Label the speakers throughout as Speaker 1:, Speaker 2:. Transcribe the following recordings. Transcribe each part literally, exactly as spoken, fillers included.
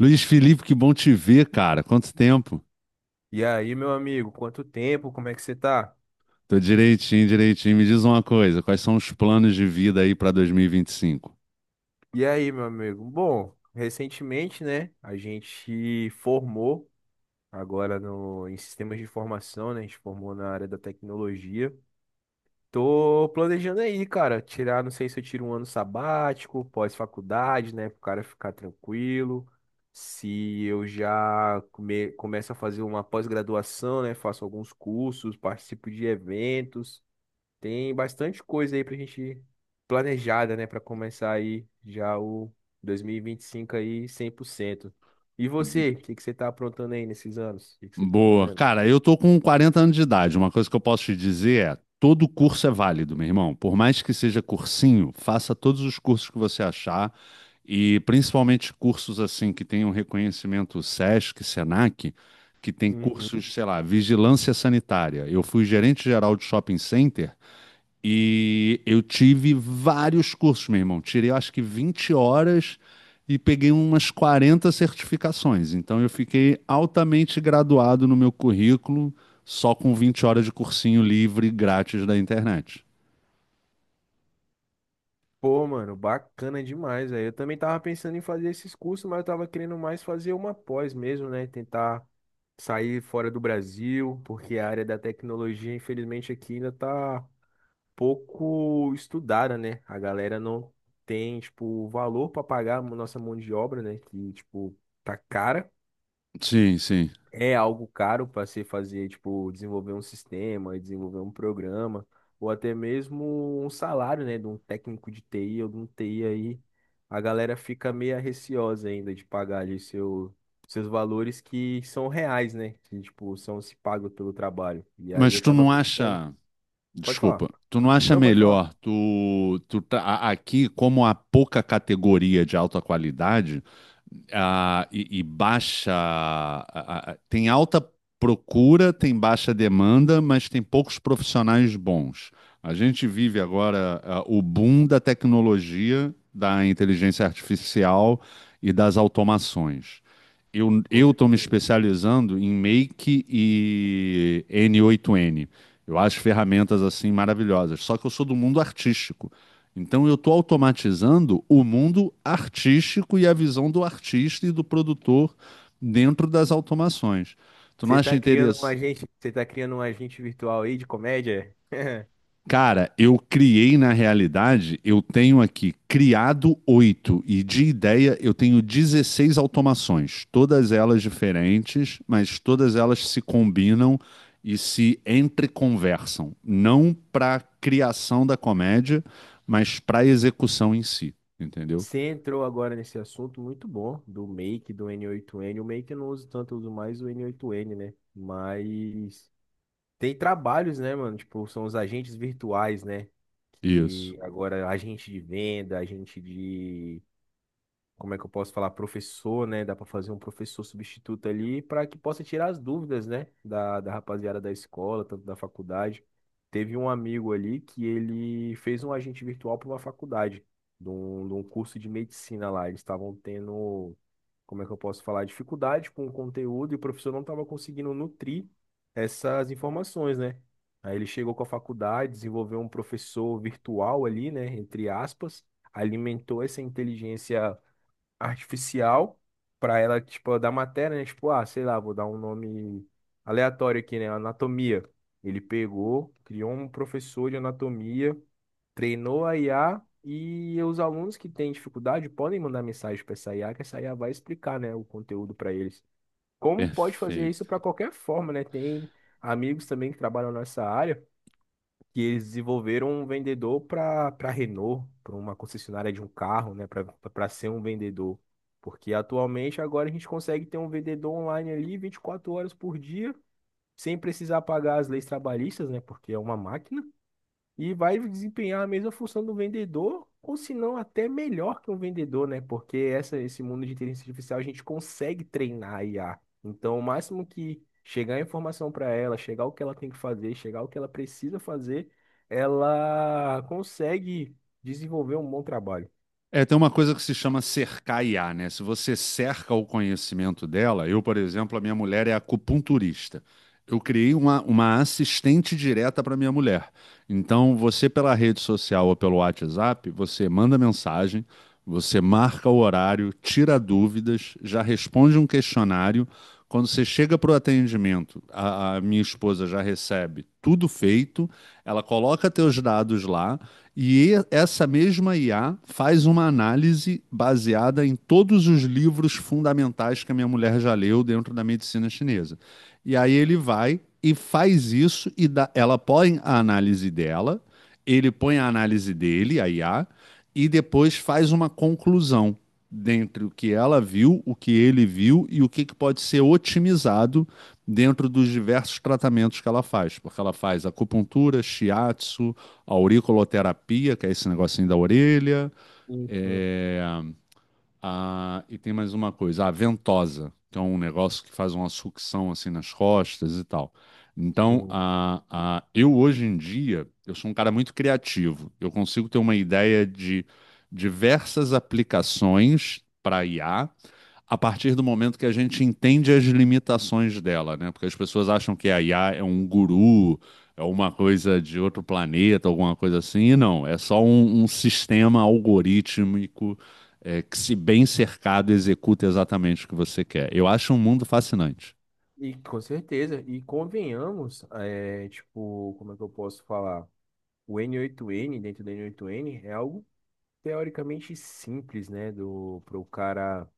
Speaker 1: Luiz Felipe, que bom te ver, cara. Quanto tempo?
Speaker 2: E aí, meu amigo, quanto tempo? Como é que você tá?
Speaker 1: Tô direitinho, direitinho. Me diz uma coisa, quais são os planos de vida aí para dois mil e vinte e cinco?
Speaker 2: E aí, meu amigo? Bom, recentemente, né, a gente formou agora no, em sistemas de informação, né? A gente formou na área da tecnologia. Tô planejando aí, cara, tirar, não sei se eu tiro um ano sabático, pós-faculdade, né, pro cara ficar tranquilo. Se eu já come, começo a fazer uma pós-graduação, né, faço alguns cursos, participo de eventos. Tem bastante coisa aí pra gente planejada, né, pra começar aí já o dois mil e e vinte e cinco aí cem por cento. E
Speaker 1: B-
Speaker 2: você, o que que você tá aprontando aí nesses anos? O que que você tá
Speaker 1: Boa.
Speaker 2: fazendo?
Speaker 1: Cara, eu tô com quarenta anos de idade. Uma coisa que eu posso te dizer é, todo curso é válido, meu irmão. Por mais que seja cursinho, faça todos os cursos que você achar e principalmente cursos assim que tenham reconhecimento SESC, SENAC, que tem
Speaker 2: Uhum.
Speaker 1: cursos, sei lá, vigilância sanitária. Eu fui gerente geral de shopping center. E eu tive vários cursos, meu irmão. Tirei, eu acho que vinte horas e peguei umas quarenta certificações. Então, eu fiquei altamente graduado no meu currículo, só com vinte horas de cursinho livre grátis da internet.
Speaker 2: Pô, mano, bacana demais, aí. Eu também tava pensando em fazer esses cursos, mas eu tava querendo mais fazer uma pós mesmo, né? Tentar sair fora do Brasil, porque a área da tecnologia, infelizmente, aqui ainda tá pouco estudada, né? A galera não tem, tipo, valor para pagar a nossa mão de obra, né? Que, tipo, tá cara.
Speaker 1: Sim, sim.
Speaker 2: É algo caro para se fazer, tipo, desenvolver um sistema, desenvolver um programa, ou até mesmo um salário, né? De um técnico de T I ou de um T I aí. A galera fica meio receosa ainda de pagar ali seu, seus valores que são reais, né? Que, tipo, são se pagos pelo trabalho. E aí
Speaker 1: Mas
Speaker 2: eu
Speaker 1: tu
Speaker 2: tava
Speaker 1: não
Speaker 2: pensando.
Speaker 1: acha.
Speaker 2: Pode falar.
Speaker 1: Desculpa, tu não acha
Speaker 2: Não, pode falar.
Speaker 1: melhor tu, tu tá- a- aqui, como há pouca categoria de alta qualidade, ah, e, e baixa. a- tem alta procura, tem baixa demanda, mas tem poucos profissionais bons. A gente vive agora, ah, o boom da tecnologia, da inteligência artificial e das automações. Eu,
Speaker 2: Com
Speaker 1: eu estou me
Speaker 2: certeza.
Speaker 1: especializando em Make e N oito N. Eu acho ferramentas assim maravilhosas. Só que eu sou do mundo artístico. Então eu estou automatizando o mundo artístico e a visão do artista e do produtor dentro das automações. Tu não
Speaker 2: Você
Speaker 1: acha
Speaker 2: tá criando um
Speaker 1: interesse?
Speaker 2: agente, você tá criando um agente virtual aí de comédia?
Speaker 1: Cara, eu criei na realidade, eu tenho aqui criado oito e de ideia eu tenho dezesseis automações, todas elas diferentes, mas todas elas se combinam e se entreconversam, não para criação da comédia, mas para execução em si, entendeu?
Speaker 2: Você entrou agora nesse assunto muito bom do Make, do N oito N. O Make eu não uso tanto, eu uso mais o N oito N, né? Mas tem trabalhos, né, mano? Tipo, são os agentes virtuais, né?
Speaker 1: Isso.
Speaker 2: Que agora agente de venda, agente de como é que eu posso falar, professor, né? Dá para fazer um professor substituto ali para que possa tirar as dúvidas, né? Da, da rapaziada da escola, tanto da faculdade. Teve um amigo ali que ele fez um agente virtual para uma faculdade, de um, de um curso de medicina lá. Eles estavam tendo, como é que eu posso falar, dificuldade com o conteúdo e o professor não estava conseguindo nutrir essas informações, né? Aí ele chegou com a faculdade, desenvolveu um professor virtual ali, né? Entre aspas, alimentou essa inteligência artificial para ela, tipo, dar matéria, né? Tipo, ah, sei lá, vou dar um nome aleatório aqui, né? Anatomia. Ele pegou, criou um professor de anatomia, treinou a I A e os alunos que têm dificuldade podem mandar mensagem para essa I A, que essa I A vai explicar, né, o conteúdo para eles. Como pode fazer isso
Speaker 1: Perfeito.
Speaker 2: para qualquer forma, né? Tem amigos também que trabalham nessa área que eles desenvolveram um vendedor para para Renault, para uma concessionária de um carro, né, para para ser um vendedor. Porque atualmente agora a gente consegue ter um vendedor online ali vinte e quatro horas por dia, sem precisar pagar as leis trabalhistas, né, porque é uma máquina. E vai desempenhar a mesma função do vendedor, ou se não, até melhor que um vendedor, né? Porque essa, esse mundo de inteligência artificial a gente consegue treinar a I A. Então, o máximo que chegar a informação para ela, chegar o que ela tem que fazer, chegar o que ela precisa fazer, ela consegue desenvolver um bom trabalho.
Speaker 1: É, tem uma coisa que se chama cercar I A, né? Se você cerca o conhecimento dela, eu, por exemplo, a minha mulher é acupunturista. Eu criei uma, uma assistente direta para minha mulher. Então, você pela rede social ou pelo WhatsApp, você manda mensagem, você marca o horário, tira dúvidas, já responde um questionário. Quando você chega para o atendimento, a a minha esposa já recebe tudo feito, ela coloca teus dados lá. E essa mesma I A faz uma análise baseada em todos os livros fundamentais que a minha mulher já leu dentro da medicina chinesa. E aí ele vai e faz isso e dá- ela põe a análise dela, ele põe a análise dele, a I A, e depois faz uma conclusão dentre o que ela viu, o que ele viu e o que que pode ser otimizado dentro dos diversos tratamentos que ela faz, porque ela faz acupuntura, shiatsu, auriculoterapia, que é esse negocinho da orelha,
Speaker 2: Sim, sim,
Speaker 1: é, a, e tem mais uma coisa, a ventosa, que é um negócio que faz uma sucção assim nas costas e tal. Então,
Speaker 2: sim.
Speaker 1: a, a, eu hoje em dia, eu sou um cara muito criativo. Eu consigo ter uma ideia de diversas aplicações para IA a partir do momento que a gente entende as limitações dela, né? Porque as pessoas acham que a I A é um guru, é uma coisa de outro planeta, alguma coisa assim, e não, é só um, um sistema algorítmico é, que, se bem cercado, executa exatamente o que você quer. Eu acho um mundo fascinante.
Speaker 2: E com certeza, e convenhamos, é, tipo, como é que eu posso falar? O N oito N, dentro do N oito N, é algo teoricamente simples, né, do para o cara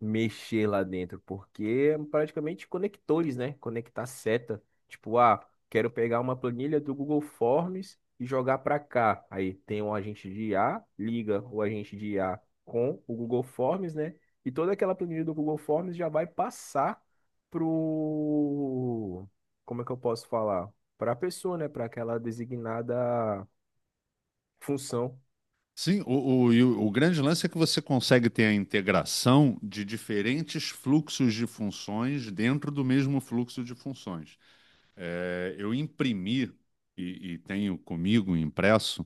Speaker 2: mexer lá dentro, porque é praticamente conectores, né? Conectar seta, tipo, ah, quero pegar uma planilha do Google Forms e jogar para cá. Aí tem um agente de I a liga o agente de I a com o Google Forms, né? E toda aquela planilha do Google Forms já vai passar pro, como é que eu posso falar? Para a pessoa, né? Para aquela designada função.
Speaker 1: Sim, o, o, e o- o grande lance é que você consegue ter a integração de diferentes fluxos de funções dentro do mesmo fluxo de funções. É, eu imprimi e, e tenho comigo impresso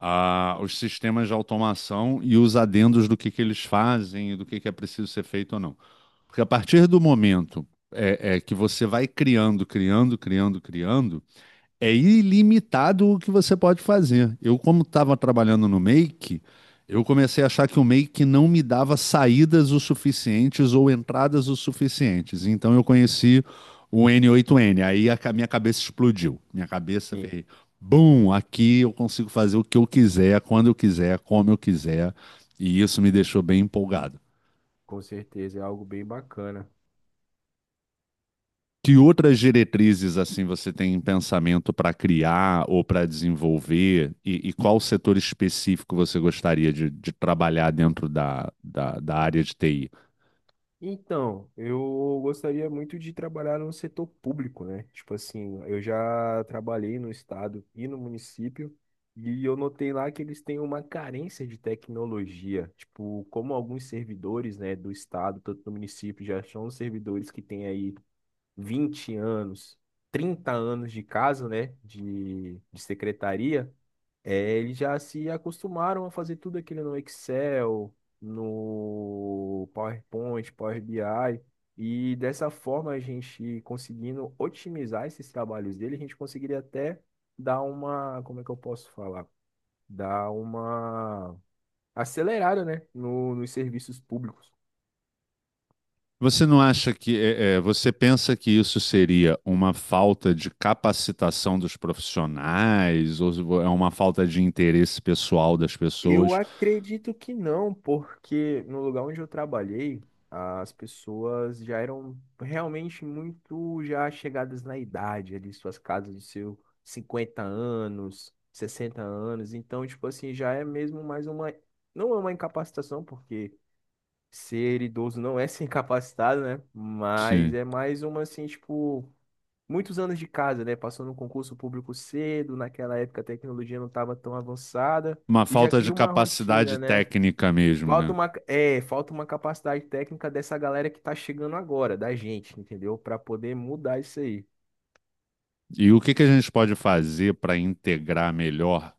Speaker 1: ah, os sistemas de automação e os adendos do que, que eles fazem e do que, que é preciso ser feito ou não. Porque a partir do momento é, é, que você vai criando, criando, criando, criando, é ilimitado o que você pode fazer. Eu, como estava trabalhando no Make, eu comecei a achar que o Make não me dava saídas o suficientes ou entradas o suficientes. Então eu conheci o N oito N. Aí a ca- minha cabeça explodiu. Minha cabeça
Speaker 2: Sim.
Speaker 1: fez, bum, aqui eu consigo fazer o que eu quiser, quando eu quiser, como eu quiser. E isso me deixou bem empolgado.
Speaker 2: Com certeza, é algo bem bacana.
Speaker 1: Que outras diretrizes assim você tem em pensamento para criar ou para desenvolver? E, e qual setor específico você gostaria de, de trabalhar dentro da, da, da área de T I?
Speaker 2: Então, eu gostaria muito de trabalhar no setor público, né? Tipo assim, eu já trabalhei no estado e no município, e eu notei lá que eles têm uma carência de tecnologia. Tipo, como alguns servidores, né, do estado, tanto do município, já são servidores que têm aí vinte anos, trinta anos de caso, né, de, de secretaria. É, eles já se acostumaram a fazer tudo aquilo no Excel, no PowerPoint, Power B I, e dessa forma a gente conseguindo otimizar esses trabalhos dele, a gente conseguiria até dar uma, como é que eu posso falar? Dar uma acelerada, né, no, nos serviços públicos.
Speaker 1: Você não acha que é, é, você pensa que isso seria uma falta de capacitação dos profissionais ou é uma falta de interesse pessoal das
Speaker 2: Eu
Speaker 1: pessoas?
Speaker 2: acredito que não, porque no lugar onde eu trabalhei, as pessoas já eram realmente muito já chegadas na idade, ali suas casas dos seus cinquenta anos, sessenta anos, então tipo assim, já é mesmo mais uma não é uma incapacitação, porque ser idoso não é ser incapacitado, né? Mas
Speaker 1: Sim.
Speaker 2: é mais uma assim, tipo muitos anos de casa, né? Passou no concurso público cedo, naquela época a tecnologia não estava tão avançada
Speaker 1: Uma
Speaker 2: e já
Speaker 1: falta de
Speaker 2: cria uma
Speaker 1: capacidade
Speaker 2: rotina, né?
Speaker 1: técnica mesmo,
Speaker 2: Falta
Speaker 1: né?
Speaker 2: uma, é, falta uma capacidade técnica dessa galera que tá chegando agora, da gente, entendeu? Para poder mudar isso aí.
Speaker 1: E o que que a gente pode fazer para integrar melhor.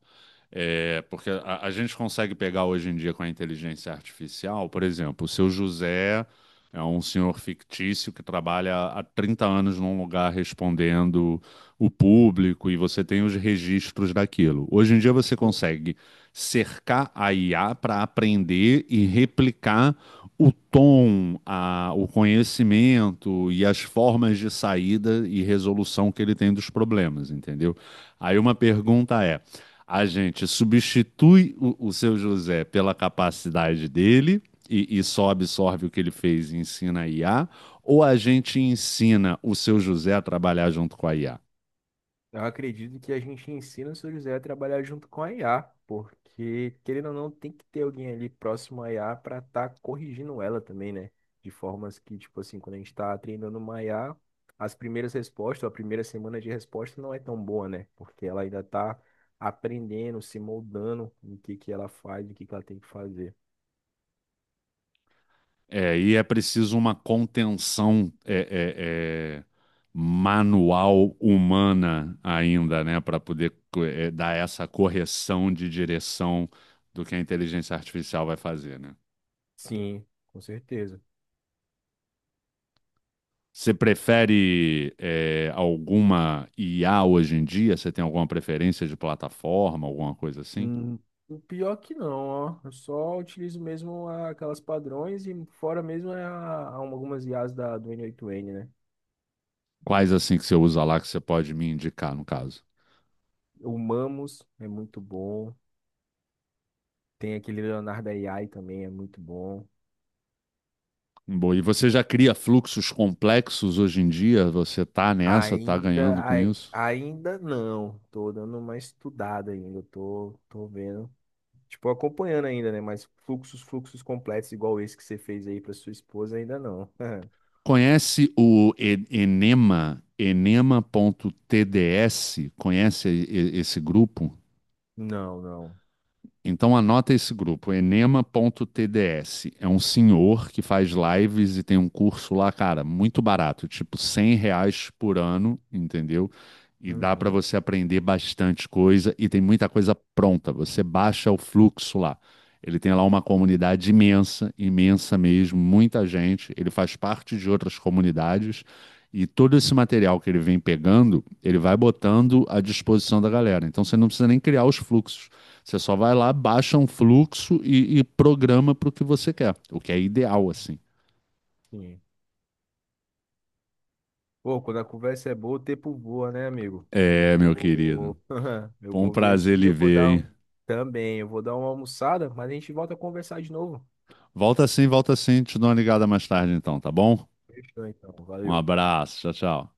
Speaker 1: É, porque a, a gente consegue pegar hoje em dia com a inteligência artificial, por exemplo, o seu José é um senhor fictício que trabalha há trinta anos num lugar respondendo o público e você tem os registros daquilo. Hoje em dia você consegue cercar a I A para aprender e replicar o tom, a- o conhecimento e as formas de saída e resolução que ele tem dos problemas, entendeu? Aí uma pergunta é. A gente substitui o, o seu José pela capacidade dele e, e só absorve o que ele fez e ensina a I A, ou a gente ensina o seu José a trabalhar junto com a I A?
Speaker 2: Eu acredito que a gente ensina o seu José a trabalhar junto com a I A, porque, querendo ou não, tem que ter alguém ali próximo à I A para estar corrigindo ela também, né? De formas que, tipo assim, quando a gente está treinando uma I A, as primeiras respostas, ou a primeira semana de resposta não é tão boa, né? Porque ela ainda está aprendendo, se moldando no que que ela faz, o que que ela tem que fazer.
Speaker 1: É, e é preciso uma contenção é, é, é, manual humana ainda, né, para poder co- é, dar essa correção de direção do que a inteligência artificial vai fazer, né?
Speaker 2: Sim, com certeza.
Speaker 1: Você prefere é, alguma I A hoje em dia? Você tem alguma preferência de plataforma, alguma coisa assim?
Speaker 2: Hum, o pior que não, ó. Eu só utilizo mesmo a- aquelas padrões e fora mesmo é a, a algumas I as da, do N oito N, né?
Speaker 1: Quais assim que você usa lá que você pode me indicar, no caso?
Speaker 2: O Mamos é muito bom. Tem aquele Leonardo A I também, é muito bom.
Speaker 1: Bom, e você já cria fluxos complexos hoje em dia? Você tá nessa, tá
Speaker 2: Ainda,
Speaker 1: ganhando com
Speaker 2: ai-
Speaker 1: isso?
Speaker 2: ainda não. Tô dando uma estudada ainda. Tô, tô vendo. Tipo, acompanhando ainda, né? Mas fluxos, fluxos completos igual esse que você fez aí pra sua esposa, ainda não.
Speaker 1: Conhece o E- Enema, enema ponto enema ponto t d s? Conhece e- e- esse grupo?
Speaker 2: Não, não.
Speaker 1: Então anota esse grupo, enema ponto t d s. É um senhor que faz lives e tem um curso lá, cara, muito barato, tipo cem reais por ano, entendeu? E dá para
Speaker 2: Uhum.
Speaker 1: você aprender bastante coisa e tem muita coisa pronta. Você baixa o fluxo lá. Ele tem lá uma comunidade imensa, imensa mesmo, muita gente. Ele faz parte de outras comunidades e todo esse material que ele vem pegando, ele vai botando à disposição da galera. Então você não precisa nem criar os fluxos. Você só vai lá, baixa um fluxo e, e programa para o que você quer, o que é ideal, assim.
Speaker 2: Pô, quando a conversa é boa, o tempo voa, né, amigo? Eu
Speaker 1: É, meu querido.
Speaker 2: vou. Eu
Speaker 1: Foi um
Speaker 2: vou ver
Speaker 1: prazer
Speaker 2: aqui,
Speaker 1: lhe
Speaker 2: eu vou
Speaker 1: ver,
Speaker 2: dar. um-
Speaker 1: hein?
Speaker 2: Também, eu vou dar uma almoçada, mas a gente volta a conversar de novo.
Speaker 1: Volta sim, volta sim. Te dou uma ligada mais tarde, então, tá bom?
Speaker 2: Fechou, então.
Speaker 1: Um
Speaker 2: Valeu.
Speaker 1: abraço. Tchau, tchau.